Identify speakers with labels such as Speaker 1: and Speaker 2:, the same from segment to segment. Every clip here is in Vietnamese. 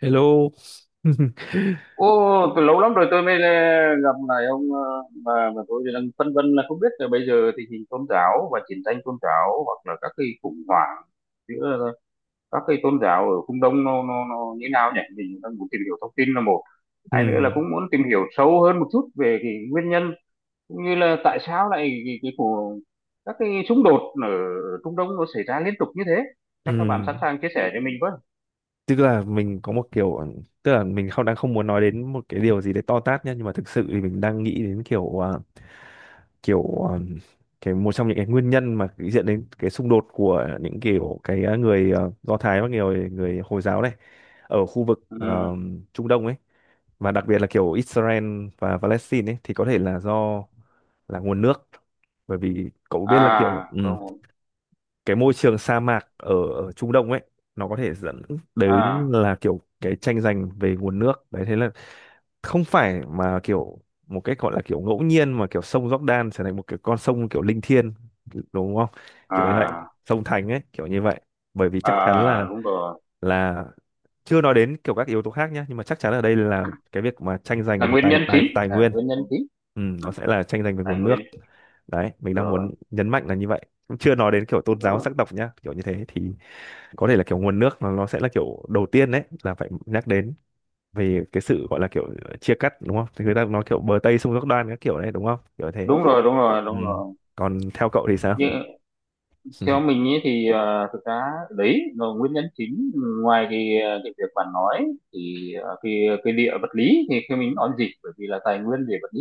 Speaker 1: Hello.
Speaker 2: Ô, từ lâu lắm rồi tôi mới gặp lại ông, mà tôi đang phân vân là không biết là bây giờ tình hình tôn giáo và chiến tranh tôn giáo hoặc là các cái khủng hoảng giữa, các cái tôn giáo ở phương Đông nó như nào nhỉ? Mình đang muốn tìm hiểu thông tin là một, hai nữa là
Speaker 1: Ừ,
Speaker 2: cũng muốn tìm hiểu sâu hơn một chút về cái nguyên nhân cũng như là tại sao lại cái của các cái xung đột ở Trung Đông nó xảy ra liên tục như thế.
Speaker 1: ừ.
Speaker 2: Chắc các bạn sẵn sàng chia sẻ cho mình với.
Speaker 1: Tức là mình có một kiểu, tức là mình không đang không muốn nói đến một cái điều gì đấy to tát nhá, nhưng mà thực sự thì mình đang nghĩ đến kiểu kiểu à, cái một trong những cái nguyên nhân mà dẫn đến cái xung đột của những kiểu cái người Do Thái và người người Hồi giáo này ở khu vực
Speaker 2: Ừ.
Speaker 1: Trung Đông ấy, và đặc biệt là kiểu Israel và Palestine ấy, thì có thể là do là nguồn nước. Bởi vì cậu biết
Speaker 2: À,
Speaker 1: là kiểu
Speaker 2: có một-
Speaker 1: cái môi trường sa mạc ở Trung Đông ấy nó có thể dẫn đến
Speaker 2: à,
Speaker 1: là kiểu cái tranh giành về nguồn nước đấy. Thế là không phải mà kiểu một cách gọi là kiểu ngẫu nhiên mà kiểu sông Jordan trở thành một cái con sông kiểu linh thiêng, đúng không, kiểu như vậy,
Speaker 2: à.
Speaker 1: sông Thành ấy, kiểu như vậy. Bởi vì
Speaker 2: À
Speaker 1: chắc chắn
Speaker 2: à, đúng rồi
Speaker 1: là chưa nói đến kiểu các yếu tố khác nhé, nhưng mà chắc chắn ở đây là cái việc mà tranh
Speaker 2: là
Speaker 1: giành về
Speaker 2: nguyên
Speaker 1: tài
Speaker 2: nhân
Speaker 1: tài
Speaker 2: chính,
Speaker 1: tài
Speaker 2: là
Speaker 1: nguyên,
Speaker 2: nguyên nhân Ừ. chính.
Speaker 1: ừ,
Speaker 2: Ừ.
Speaker 1: nó sẽ là tranh giành về
Speaker 2: Tài
Speaker 1: nguồn
Speaker 2: nguyên.
Speaker 1: nước. Đấy, mình đang muốn
Speaker 2: Rồi,
Speaker 1: nhấn mạnh là như vậy, cũng chưa nói đến kiểu tôn giáo
Speaker 2: rồi.
Speaker 1: sắc tộc nhá, kiểu như thế, thì có thể là kiểu nguồn nước nó sẽ là kiểu đầu tiên đấy là phải nhắc đến. Về cái sự gọi là kiểu chia cắt, đúng không, thì người ta nói kiểu bờ Tây sông Giác Đoan các kiểu này, đúng không, kiểu thế.
Speaker 2: Đúng rồi, đúng rồi,
Speaker 1: Ừ,
Speaker 2: đúng rồi,
Speaker 1: còn theo cậu thì sao?
Speaker 2: nhưng theo mình ấy thì, thực ra đấy là nguyên nhân chính. Ngoài cái, cái việc bạn nói thì, cái địa vật lý thì khi mình nói gì bởi vì là tài nguyên về vật lý,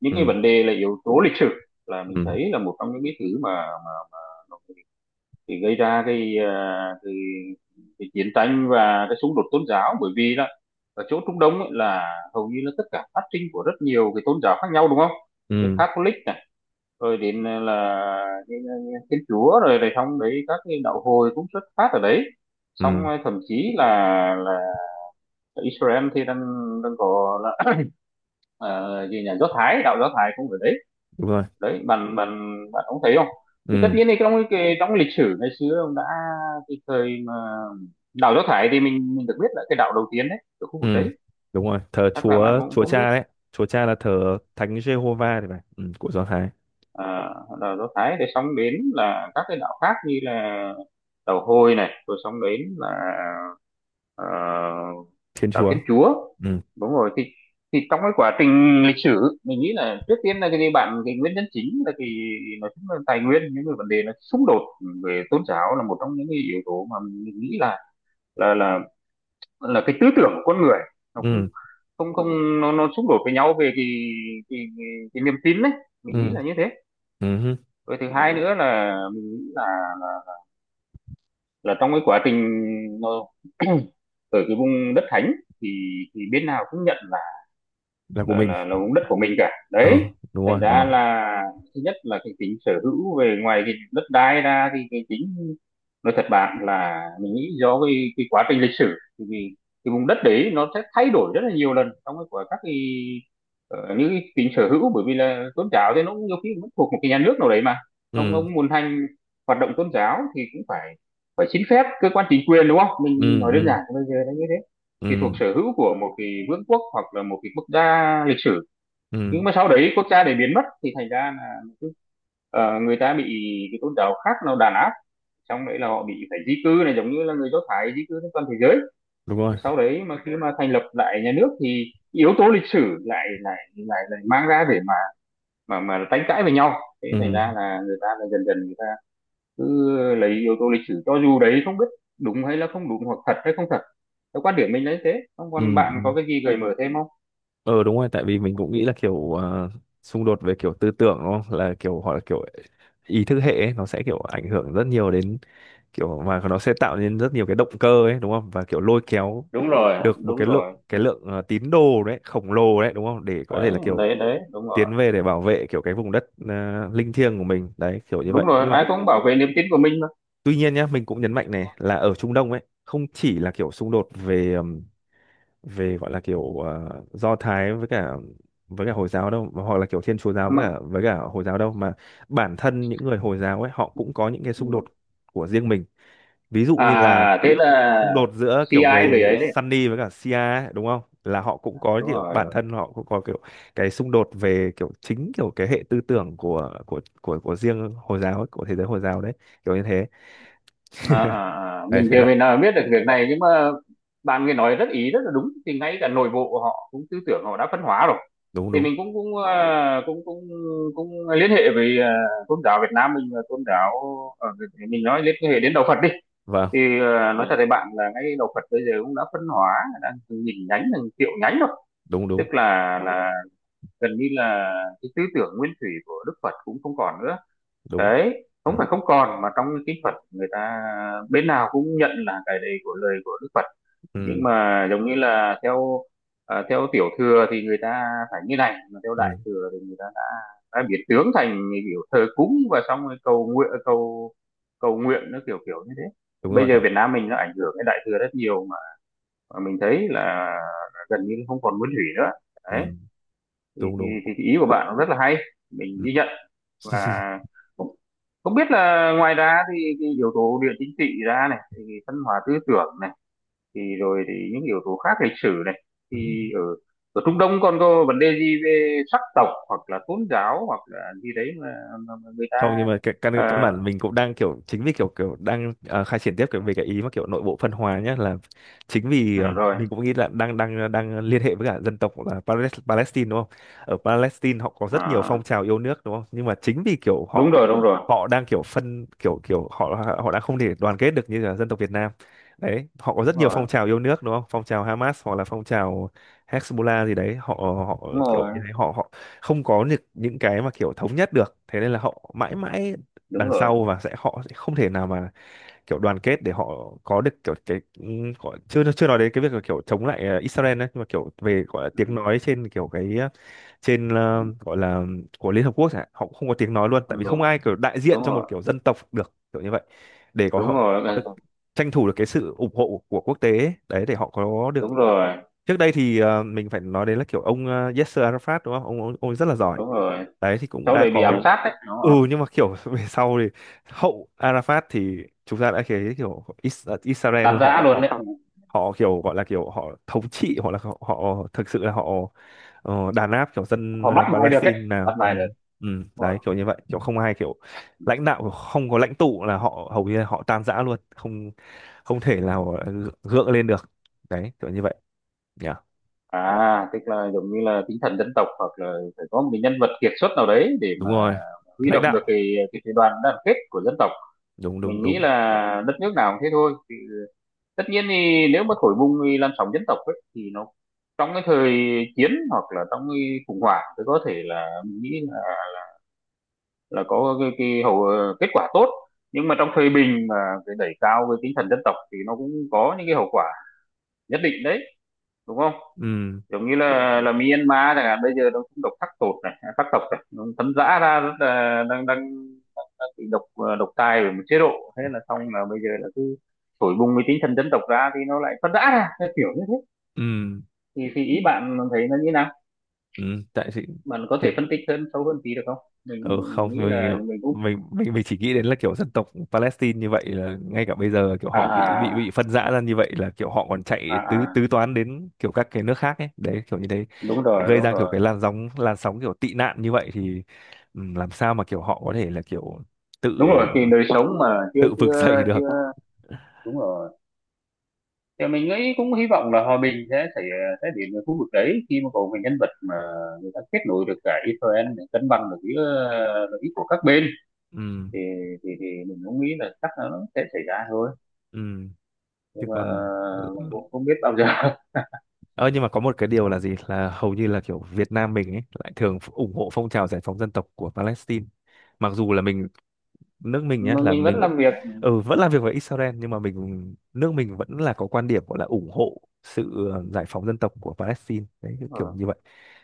Speaker 2: những cái
Speaker 1: Ừ.
Speaker 2: vấn đề là yếu tố lịch sử là
Speaker 1: Ừ.
Speaker 2: mình
Speaker 1: Ừ.
Speaker 2: thấy là một trong những cái thứ mà mà thì gây ra cái, cái, cái chiến tranh và cái xung đột tôn giáo, bởi vì là ở chỗ Trung Đông ấy là hầu như là tất cả phát sinh của rất nhiều cái tôn giáo khác nhau, đúng không? Cái
Speaker 1: Ừ.
Speaker 2: Catholic này, rồi đến là cái- cái Thiên Chúa, rồi rồi xong đấy các cái đạo hồi cũng xuất phát ở đấy. Xong
Speaker 1: Ừ.
Speaker 2: thậm chí là Israel thì đang đang có là, ờ, gì nhà Do Thái, đạo Do Thái cũng ở đấy.
Speaker 1: Đúng rồi.
Speaker 2: Đấy bạn bạn bạn cũng thấy không, thì tất
Speaker 1: Ừ.
Speaker 2: nhiên thì trong cái trong lịch sử ngày xưa ông đã, cái thời mà đảo Do Thái thì mình được biết là cái đảo đầu tiên đấy ở khu vực
Speaker 1: Ừ.
Speaker 2: đấy,
Speaker 1: Đúng rồi, thờ
Speaker 2: chắc là bạn
Speaker 1: chúa,
Speaker 2: cũng
Speaker 1: chúa
Speaker 2: cũng biết.
Speaker 1: cha đấy. Chúa cha là thờ thánh Giê Hô Va thì phải, ừ, của Do Thái.
Speaker 2: à, Đảo Do Thái để xong đến là các cái đảo khác như là đảo Hồi này, rồi xong đến là, ờ,
Speaker 1: Thiên
Speaker 2: đạo Thiên
Speaker 1: Chúa.
Speaker 2: Chúa,
Speaker 1: Ừ.
Speaker 2: đúng rồi. Thì trong cái quá trình lịch sử mình nghĩ là trước tiên là cái bạn cái nguyên nhân chính là cái, nói chung là tài nguyên, những cái vấn đề nó xung đột về tôn giáo là một trong những cái yếu tố mà mình nghĩ là là là là cái tư tưởng của con người nó không
Speaker 1: Ừ.
Speaker 2: không không nó nó xung đột với nhau về cái cái, cái niềm tin đấy. Mình nghĩ
Speaker 1: Ừ.
Speaker 2: là như thế.
Speaker 1: Ừ hứ.
Speaker 2: Rồi thứ hai nữa là mình nghĩ là là, là trong cái quá trình nó ở cái vùng đất thánh thì thì bên nào cũng nhận là
Speaker 1: Là của
Speaker 2: là
Speaker 1: mình.
Speaker 2: là là vùng đất của mình cả
Speaker 1: Ờ
Speaker 2: đấy.
Speaker 1: đúng rồi,
Speaker 2: Thành
Speaker 1: ừ.
Speaker 2: ra Vâng, là thứ nhất là cái tính sở hữu về ngoài cái đất đai ra thì cái tính, nói thật bạn là mình nghĩ do cái quá trình lịch sử thì cái vùng đất đấy nó sẽ thay đổi rất là nhiều lần trong cái của các cái, những cái tính sở hữu, bởi vì là tôn giáo thì nó cũng nhiều khi cũng thuộc một cái nhà nước nào đấy mà ông
Speaker 1: Ừ.
Speaker 2: ông muốn hành hoạt động tôn giáo thì cũng phải phải xin phép cơ quan chính quyền, đúng không,
Speaker 1: Ừ.
Speaker 2: mình nói đơn
Speaker 1: Ừ.
Speaker 2: giản bây giờ là như thế, thì thuộc
Speaker 1: Ừ.
Speaker 2: sở hữu của một cái vương quốc hoặc là một cái quốc gia lịch sử. Nhưng
Speaker 1: Ừ.
Speaker 2: mà sau đấy quốc gia để biến mất thì thành ra là cứ, người ta bị cái tôn giáo khác nó đàn áp, xong đấy là họ bị phải di cư này, giống như là người Do Thái di cư trên toàn thế giới.
Speaker 1: Đúng rồi.
Speaker 2: Thì sau đấy mà khi mà thành lập lại nhà nước thì yếu tố lịch sử lại lại lại lại mang ra để mà mà tranh cãi với nhau, thế
Speaker 1: Ừ.
Speaker 2: thành ra là người ta là dần dần người ta cứ lấy yếu tố lịch sử, cho dù đấy không biết đúng hay là không đúng, hoặc thật hay không thật, theo quan điểm mình lấy thế. Không còn
Speaker 1: Ừ,
Speaker 2: bạn
Speaker 1: ừ.
Speaker 2: có cái gì gợi mở thêm không?
Speaker 1: Ờ, đúng rồi, tại vì mình cũng nghĩ là kiểu xung đột về kiểu tư tưởng, đúng không, là kiểu hoặc là kiểu ý thức hệ ấy, nó sẽ kiểu ảnh hưởng rất nhiều đến kiểu mà nó sẽ tạo nên rất nhiều cái động cơ ấy, đúng không, và kiểu lôi kéo
Speaker 2: Đúng rồi,
Speaker 1: được một
Speaker 2: đúng
Speaker 1: cái lượng,
Speaker 2: rồi.
Speaker 1: cái lượng tín đồ đấy khổng lồ đấy, đúng không, để có
Speaker 2: Đấy
Speaker 1: thể là kiểu
Speaker 2: đấy đấy, đúng rồi.
Speaker 1: tiến về để bảo vệ kiểu cái vùng đất linh thiêng của mình đấy, kiểu như vậy.
Speaker 2: Đúng rồi,
Speaker 1: Nhưng mà
Speaker 2: ai cũng bảo vệ niềm tin của mình
Speaker 1: tuy nhiên nhá, mình cũng nhấn mạnh này là ở Trung Đông ấy không chỉ là kiểu xung đột về về gọi là kiểu Do Thái với cả Hồi giáo đâu, mà hoặc là kiểu Thiên Chúa giáo với
Speaker 2: mà
Speaker 1: cả với cả Hồi giáo đâu, mà bản thân những người Hồi giáo ấy họ cũng có những cái xung đột của riêng mình. Ví dụ như là
Speaker 2: à thế là
Speaker 1: xung đột giữa kiểu
Speaker 2: CI về
Speaker 1: người
Speaker 2: ấy đấy,
Speaker 1: Sunni với cả Shia ấy, đúng không, là họ cũng có
Speaker 2: đúng
Speaker 1: kiểu bản
Speaker 2: rồi.
Speaker 1: thân họ cũng có kiểu cái xung đột về kiểu chính kiểu cái hệ tư tưởng của riêng Hồi giáo ấy, của thế giới Hồi giáo đấy, kiểu như thế.
Speaker 2: À, à, à.
Speaker 1: Đấy
Speaker 2: Mình
Speaker 1: thế
Speaker 2: chưa
Speaker 1: là
Speaker 2: về nào biết được việc này, nhưng mà bạn người nói rất ý rất là đúng, thì ngay cả nội bộ họ cũng tư tưởng họ đã phân hóa rồi.
Speaker 1: đúng
Speaker 2: Thì
Speaker 1: đúng
Speaker 2: mình cũng cũng cũng cũng cũng liên hệ với, tôn giáo Việt Nam mình và tôn giáo ở, mình nói liên hệ đến đạo Phật đi.
Speaker 1: vâng
Speaker 2: Thì nói thật với bạn là ngay đạo Phật bây giờ cũng đã phân hóa đang từng nghìn nhánh từng triệu nhánh rồi.
Speaker 1: đúng
Speaker 2: Tức
Speaker 1: đúng
Speaker 2: là gần như là cái tư tưởng nguyên thủy của Đức Phật cũng không còn nữa.
Speaker 1: đúng.
Speaker 2: Đấy không
Speaker 1: Ừ
Speaker 2: phải không còn mà trong kinh Phật người ta bên nào cũng nhận là cái đấy của lời của Đức Phật, nhưng
Speaker 1: ừ
Speaker 2: mà giống như là theo, theo tiểu thừa thì người ta phải như này, mà theo đại
Speaker 1: ừ,
Speaker 2: thừa thì người ta đã biến tướng thành kiểu thờ cúng và xong rồi cầu nguyện, cầu cầu nguyện nó kiểu kiểu như thế.
Speaker 1: đúng rồi
Speaker 2: Bây giờ
Speaker 1: đấy.
Speaker 2: Việt Nam mình nó ảnh hưởng cái đại thừa rất nhiều mà mình thấy là gần như không còn nguyên thủy nữa. Đấy
Speaker 1: Ừ
Speaker 2: thì,
Speaker 1: đúng đúng.
Speaker 2: thì ý của bạn nó rất là hay, mình ghi
Speaker 1: Ừ.
Speaker 2: nhận. Và không, không biết là ngoài ra thì cái yếu tố địa chính trị ra này, thì văn hóa tư tưởng này, thì rồi thì những yếu tố khác lịch sử này,
Speaker 1: Ừ.
Speaker 2: thì ở ở Trung Đông còn có vấn đề gì về sắc tộc hoặc là tôn giáo hoặc là gì đấy mà, mà người ta,
Speaker 1: Không, nhưng mà cái căn
Speaker 2: ờ,
Speaker 1: căn bản mình cũng đang kiểu chính vì kiểu kiểu đang khai triển tiếp cái về cái ý mà kiểu nội bộ phân hóa nhé, là chính vì
Speaker 2: à, rồi.
Speaker 1: mình cũng nghĩ là đang đang đang liên hệ với cả dân tộc là Palestine, đúng không. Ở Palestine họ có rất nhiều
Speaker 2: À,
Speaker 1: phong trào yêu nước, đúng không, nhưng mà chính vì kiểu
Speaker 2: đúng
Speaker 1: họ
Speaker 2: rồi, đúng rồi,
Speaker 1: họ đang kiểu phân kiểu kiểu họ họ đang không thể đoàn kết được như là dân tộc Việt Nam. Đấy, họ có
Speaker 2: đúng
Speaker 1: rất nhiều
Speaker 2: rồi,
Speaker 1: phong trào yêu nước, đúng không, phong trào Hamas hoặc là phong trào Hezbollah gì đấy, họ họ
Speaker 2: đúng
Speaker 1: kiểu
Speaker 2: rồi,
Speaker 1: như thế, họ họ không có những cái mà kiểu thống nhất được, thế nên là họ mãi mãi
Speaker 2: đúng
Speaker 1: đằng
Speaker 2: rồi.
Speaker 1: sau, và sẽ họ sẽ không thể nào mà kiểu đoàn kết để họ có được kiểu cái gọi, chưa chưa nói đến cái việc là kiểu chống lại Israel đấy, nhưng mà kiểu về gọi là
Speaker 2: Ừ,
Speaker 1: tiếng nói trên kiểu cái gọi là của Liên Hợp Quốc chẳng hạn, họ cũng không có tiếng nói luôn, tại
Speaker 2: đúng
Speaker 1: vì không
Speaker 2: rồi,
Speaker 1: ai kiểu đại
Speaker 2: đúng
Speaker 1: diện cho một
Speaker 2: rồi,
Speaker 1: kiểu dân tộc được, kiểu như vậy, để có
Speaker 2: đúng
Speaker 1: họ
Speaker 2: rồi,
Speaker 1: có được tranh thủ được cái sự ủng hộ của quốc tế ấy. Đấy, để họ có được.
Speaker 2: đúng rồi,
Speaker 1: Trước đây thì mình phải nói đến là kiểu ông Yasser Arafat, đúng không, ông rất là giỏi
Speaker 2: đúng rồi.
Speaker 1: đấy, thì cũng
Speaker 2: Cháu
Speaker 1: đã
Speaker 2: đấy bị ám
Speaker 1: có.
Speaker 2: sát đấy, đúng
Speaker 1: Ừ,
Speaker 2: rồi.
Speaker 1: nhưng mà kiểu về sau thì hậu Arafat thì chúng ta đã thấy kiểu Israel
Speaker 2: Tàn thế
Speaker 1: họ
Speaker 2: luôn
Speaker 1: họ
Speaker 2: đấy.
Speaker 1: họ kiểu gọi là kiểu họ thống trị, hoặc là họ thực sự là họ đàn áp kiểu dân
Speaker 2: Họ bắt bài được đấy,
Speaker 1: Palestine nào,
Speaker 2: bắt
Speaker 1: ừ,
Speaker 2: bài được.
Speaker 1: ừ.
Speaker 2: Đúng rồi.
Speaker 1: Đấy kiểu như vậy, kiểu không ai kiểu lãnh đạo, không có lãnh tụ là họ hầu như là họ tan rã luôn, không không thể nào gượng lên được, đấy kiểu như vậy, nhỉ.
Speaker 2: À tức là giống như là tinh thần dân tộc, hoặc là phải có một cái nhân vật kiệt xuất nào đấy để
Speaker 1: Đúng
Speaker 2: mà
Speaker 1: rồi.
Speaker 2: huy
Speaker 1: Lãnh
Speaker 2: động được
Speaker 1: đạo.
Speaker 2: cái đoàn đoàn kết của dân tộc.
Speaker 1: Đúng đúng
Speaker 2: Mình nghĩ
Speaker 1: đúng.
Speaker 2: là đất nước nào cũng thế thôi. Thì tất nhiên thì nếu mà thổi bùng thì làn sóng dân tộc ấy, thì nó trong cái thời chiến hoặc là trong cái khủng hoảng thì có thể là mình nghĩ là có cái hậu, kết quả tốt. Nhưng mà trong thời bình mà cái đẩy cao cái tinh thần dân tộc thì nó cũng có những cái hậu quả nhất định đấy, đúng không?
Speaker 1: Ừ
Speaker 2: Giống như là Myanmar chẳng hạn, bây giờ nó cũng độc khắc tột này khắc tộc này nó tấn dã ra rất là, đang đang đang bị độc, độc tài bởi một chế độ, thế là xong là bây giờ là cứ thổi bùng cái tinh thần dân tộc ra thì nó lại phân rã ra, cái kiểu như thế.
Speaker 1: ừ
Speaker 2: Thì ý bạn thấy nó như nào,
Speaker 1: ừ. Tại
Speaker 2: bạn có
Speaker 1: thì
Speaker 2: thể phân tích hơn sâu hơn tí được không? Mình,
Speaker 1: ừ, không
Speaker 2: mình nghĩ là
Speaker 1: mình
Speaker 2: mình cũng,
Speaker 1: mình chỉ nghĩ đến là kiểu dân tộc Palestine như vậy là ngay cả bây giờ kiểu
Speaker 2: à
Speaker 1: họ bị
Speaker 2: à,
Speaker 1: phân rã ra như vậy, là kiểu họ còn
Speaker 2: à
Speaker 1: chạy tứ
Speaker 2: à,
Speaker 1: tứ toán đến kiểu các cái nước khác ấy, đấy kiểu như thế,
Speaker 2: đúng rồi,
Speaker 1: gây
Speaker 2: đúng
Speaker 1: ra kiểu
Speaker 2: rồi,
Speaker 1: cái làn sóng kiểu tị nạn như vậy, thì làm sao mà kiểu họ có thể là kiểu tự
Speaker 2: đúng rồi. Thì đời sống mà chưa
Speaker 1: tự vực dậy
Speaker 2: chưa
Speaker 1: được.
Speaker 2: chưa, đúng rồi. Thì mình nghĩ cũng hy vọng là hòa bình sẽ thể thể hiện ở khu vực đấy khi mà có cái nhân vật mà người ta kết nối được cả Israel để cân bằng được giữa, lợi ích của các bên. Thì
Speaker 1: Ừm,
Speaker 2: thì mình cũng nghĩ là chắc là nó sẽ xảy ra thôi,
Speaker 1: ừ, chứ
Speaker 2: nhưng mà
Speaker 1: còn.
Speaker 2: mình cũng không biết bao giờ.
Speaker 1: Ờ nhưng mà có một cái điều là gì, là hầu như là kiểu Việt Nam mình ấy lại thường ủng hộ phong trào giải phóng dân tộc của Palestine, mặc dù là mình, nước mình nhé, là
Speaker 2: Mình vẫn
Speaker 1: mình,
Speaker 2: làm việc.
Speaker 1: ừ, vẫn làm việc với Israel, nhưng mà mình, nước mình vẫn là có quan điểm gọi là ủng hộ sự giải phóng dân tộc của Palestine đấy, kiểu kiểu
Speaker 2: Ờ,
Speaker 1: như vậy.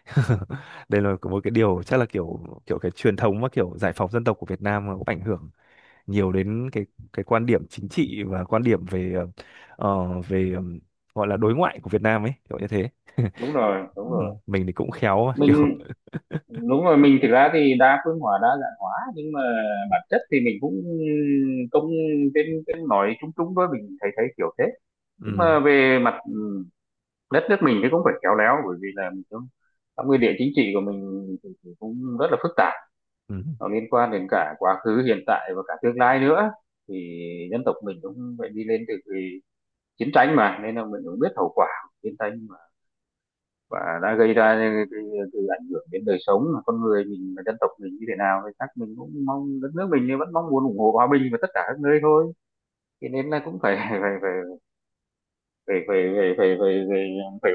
Speaker 1: Đây là một cái điều chắc là kiểu kiểu cái truyền thống và kiểu giải phóng dân tộc của Việt Nam nó cũng ảnh hưởng nhiều đến cái quan điểm chính trị và quan điểm về ờ, về ờ, gọi là đối ngoại của Việt Nam ấy, kiểu như thế.
Speaker 2: đúng rồi, đúng
Speaker 1: Ừ,
Speaker 2: rồi.
Speaker 1: mình thì cũng khéo mà, kiểu
Speaker 2: Mình đúng rồi, mình thực ra thì đa phương hóa đa dạng hóa, nhưng mà bản chất thì mình cũng cũng trên trên nói chung chung thôi, mình thấy thấy kiểu thế. Nhưng
Speaker 1: ừ,
Speaker 2: mà về mặt đất nước mình thì cũng phải khéo léo, bởi vì là mình cũng trong nguyên địa chính trị của mình thì cũng rất là phức tạp,
Speaker 1: ừ,
Speaker 2: nó liên quan đến cả quá khứ hiện tại và cả tương lai nữa. Thì dân tộc mình cũng phải đi lên từ cái chiến tranh, mà nên là mình cũng biết hậu quả của chiến tranh mà, và đã gây ra cái, cái ảnh hưởng đến đời sống của con người mình và dân tộc mình như thế nào, thì chắc mình cũng mong đất nước mình vẫn mong muốn ủng hộ hòa bình và tất cả các nơi thôi. Thế nên là cũng phải phải phải phải phải phải phải, phải, phải, phải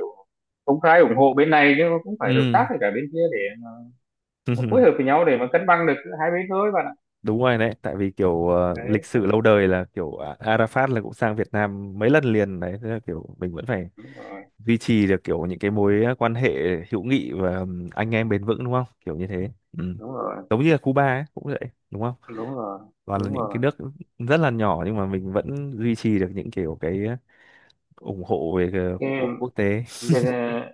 Speaker 2: cũng khá ủng hộ bên này, nhưng mà cũng phải hợp tác với cả bên kia để mà
Speaker 1: ừ.
Speaker 2: phối hợp với nhau để mà cân bằng được giữa hai bên thôi bạn ạ.
Speaker 1: Đúng rồi đấy, tại vì kiểu
Speaker 2: Đấy,
Speaker 1: lịch sử lâu đời là kiểu Arafat là cũng sang Việt Nam mấy lần liền đấy, thế là kiểu mình vẫn phải
Speaker 2: đúng rồi,
Speaker 1: duy trì được kiểu những cái mối quan hệ hữu nghị và anh em bền vững, đúng không, kiểu như thế. Ừ.
Speaker 2: đúng rồi,
Speaker 1: Giống như là Cuba ấy, cũng vậy, đúng không,
Speaker 2: đúng rồi,
Speaker 1: toàn là
Speaker 2: đúng
Speaker 1: những cái
Speaker 2: rồi.
Speaker 1: nước rất là nhỏ nhưng mà mình vẫn duy trì được những kiểu cái ủng hộ về cái
Speaker 2: Cái
Speaker 1: quốc quốc tế.
Speaker 2: bên,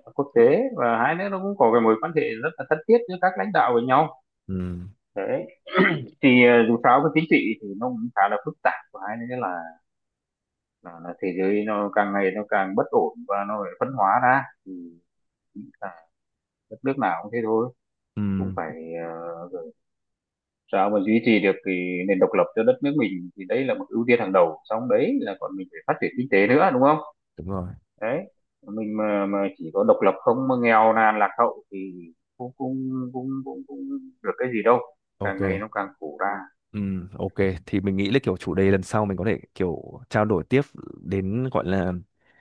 Speaker 2: quốc tế, và hai nữa nó cũng có cái mối quan hệ rất là thân thiết giữa các lãnh đạo với nhau.
Speaker 1: Ừ.
Speaker 2: Đấy, thì dù sao cái chính trị thì nó cũng khá là phức tạp, và hai nữa là, là thế giới nó càng ngày nó càng bất ổn và nó phải phân hóa ra thì nghĩ là đất nước nào cũng thế thôi,
Speaker 1: Ừ.
Speaker 2: cũng phải, ờ, sao mà duy trì được cái nền độc lập cho đất nước mình thì đấy là một ưu tiên hàng đầu, xong đấy là còn mình phải phát triển kinh tế nữa, đúng không?
Speaker 1: Đúng rồi.
Speaker 2: Đấy mình mà chỉ có độc lập không mà nghèo nàn lạc hậu thì cũng cũng cũng cũng, cũng được cái gì đâu,
Speaker 1: Ok
Speaker 2: càng ngày nó càng khổ ra.
Speaker 1: Ừ, ok thì mình nghĩ là kiểu chủ đề lần sau mình có thể kiểu trao đổi tiếp đến gọi là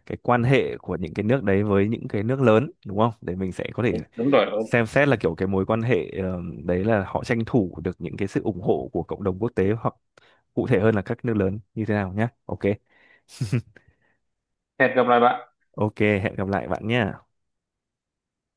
Speaker 1: cái quan hệ của những cái nước đấy với những cái nước lớn, đúng không? Để mình sẽ có thể
Speaker 2: Đúng, đúng rồi ông,
Speaker 1: xem xét là kiểu cái mối quan hệ đấy là họ tranh thủ được những cái sự ủng hộ của cộng đồng quốc tế, hoặc cụ thể hơn là các nước lớn, như thế nào nhé. Ok.
Speaker 2: hẹn gặp lại bạn.
Speaker 1: Ok, hẹn gặp lại bạn nhé.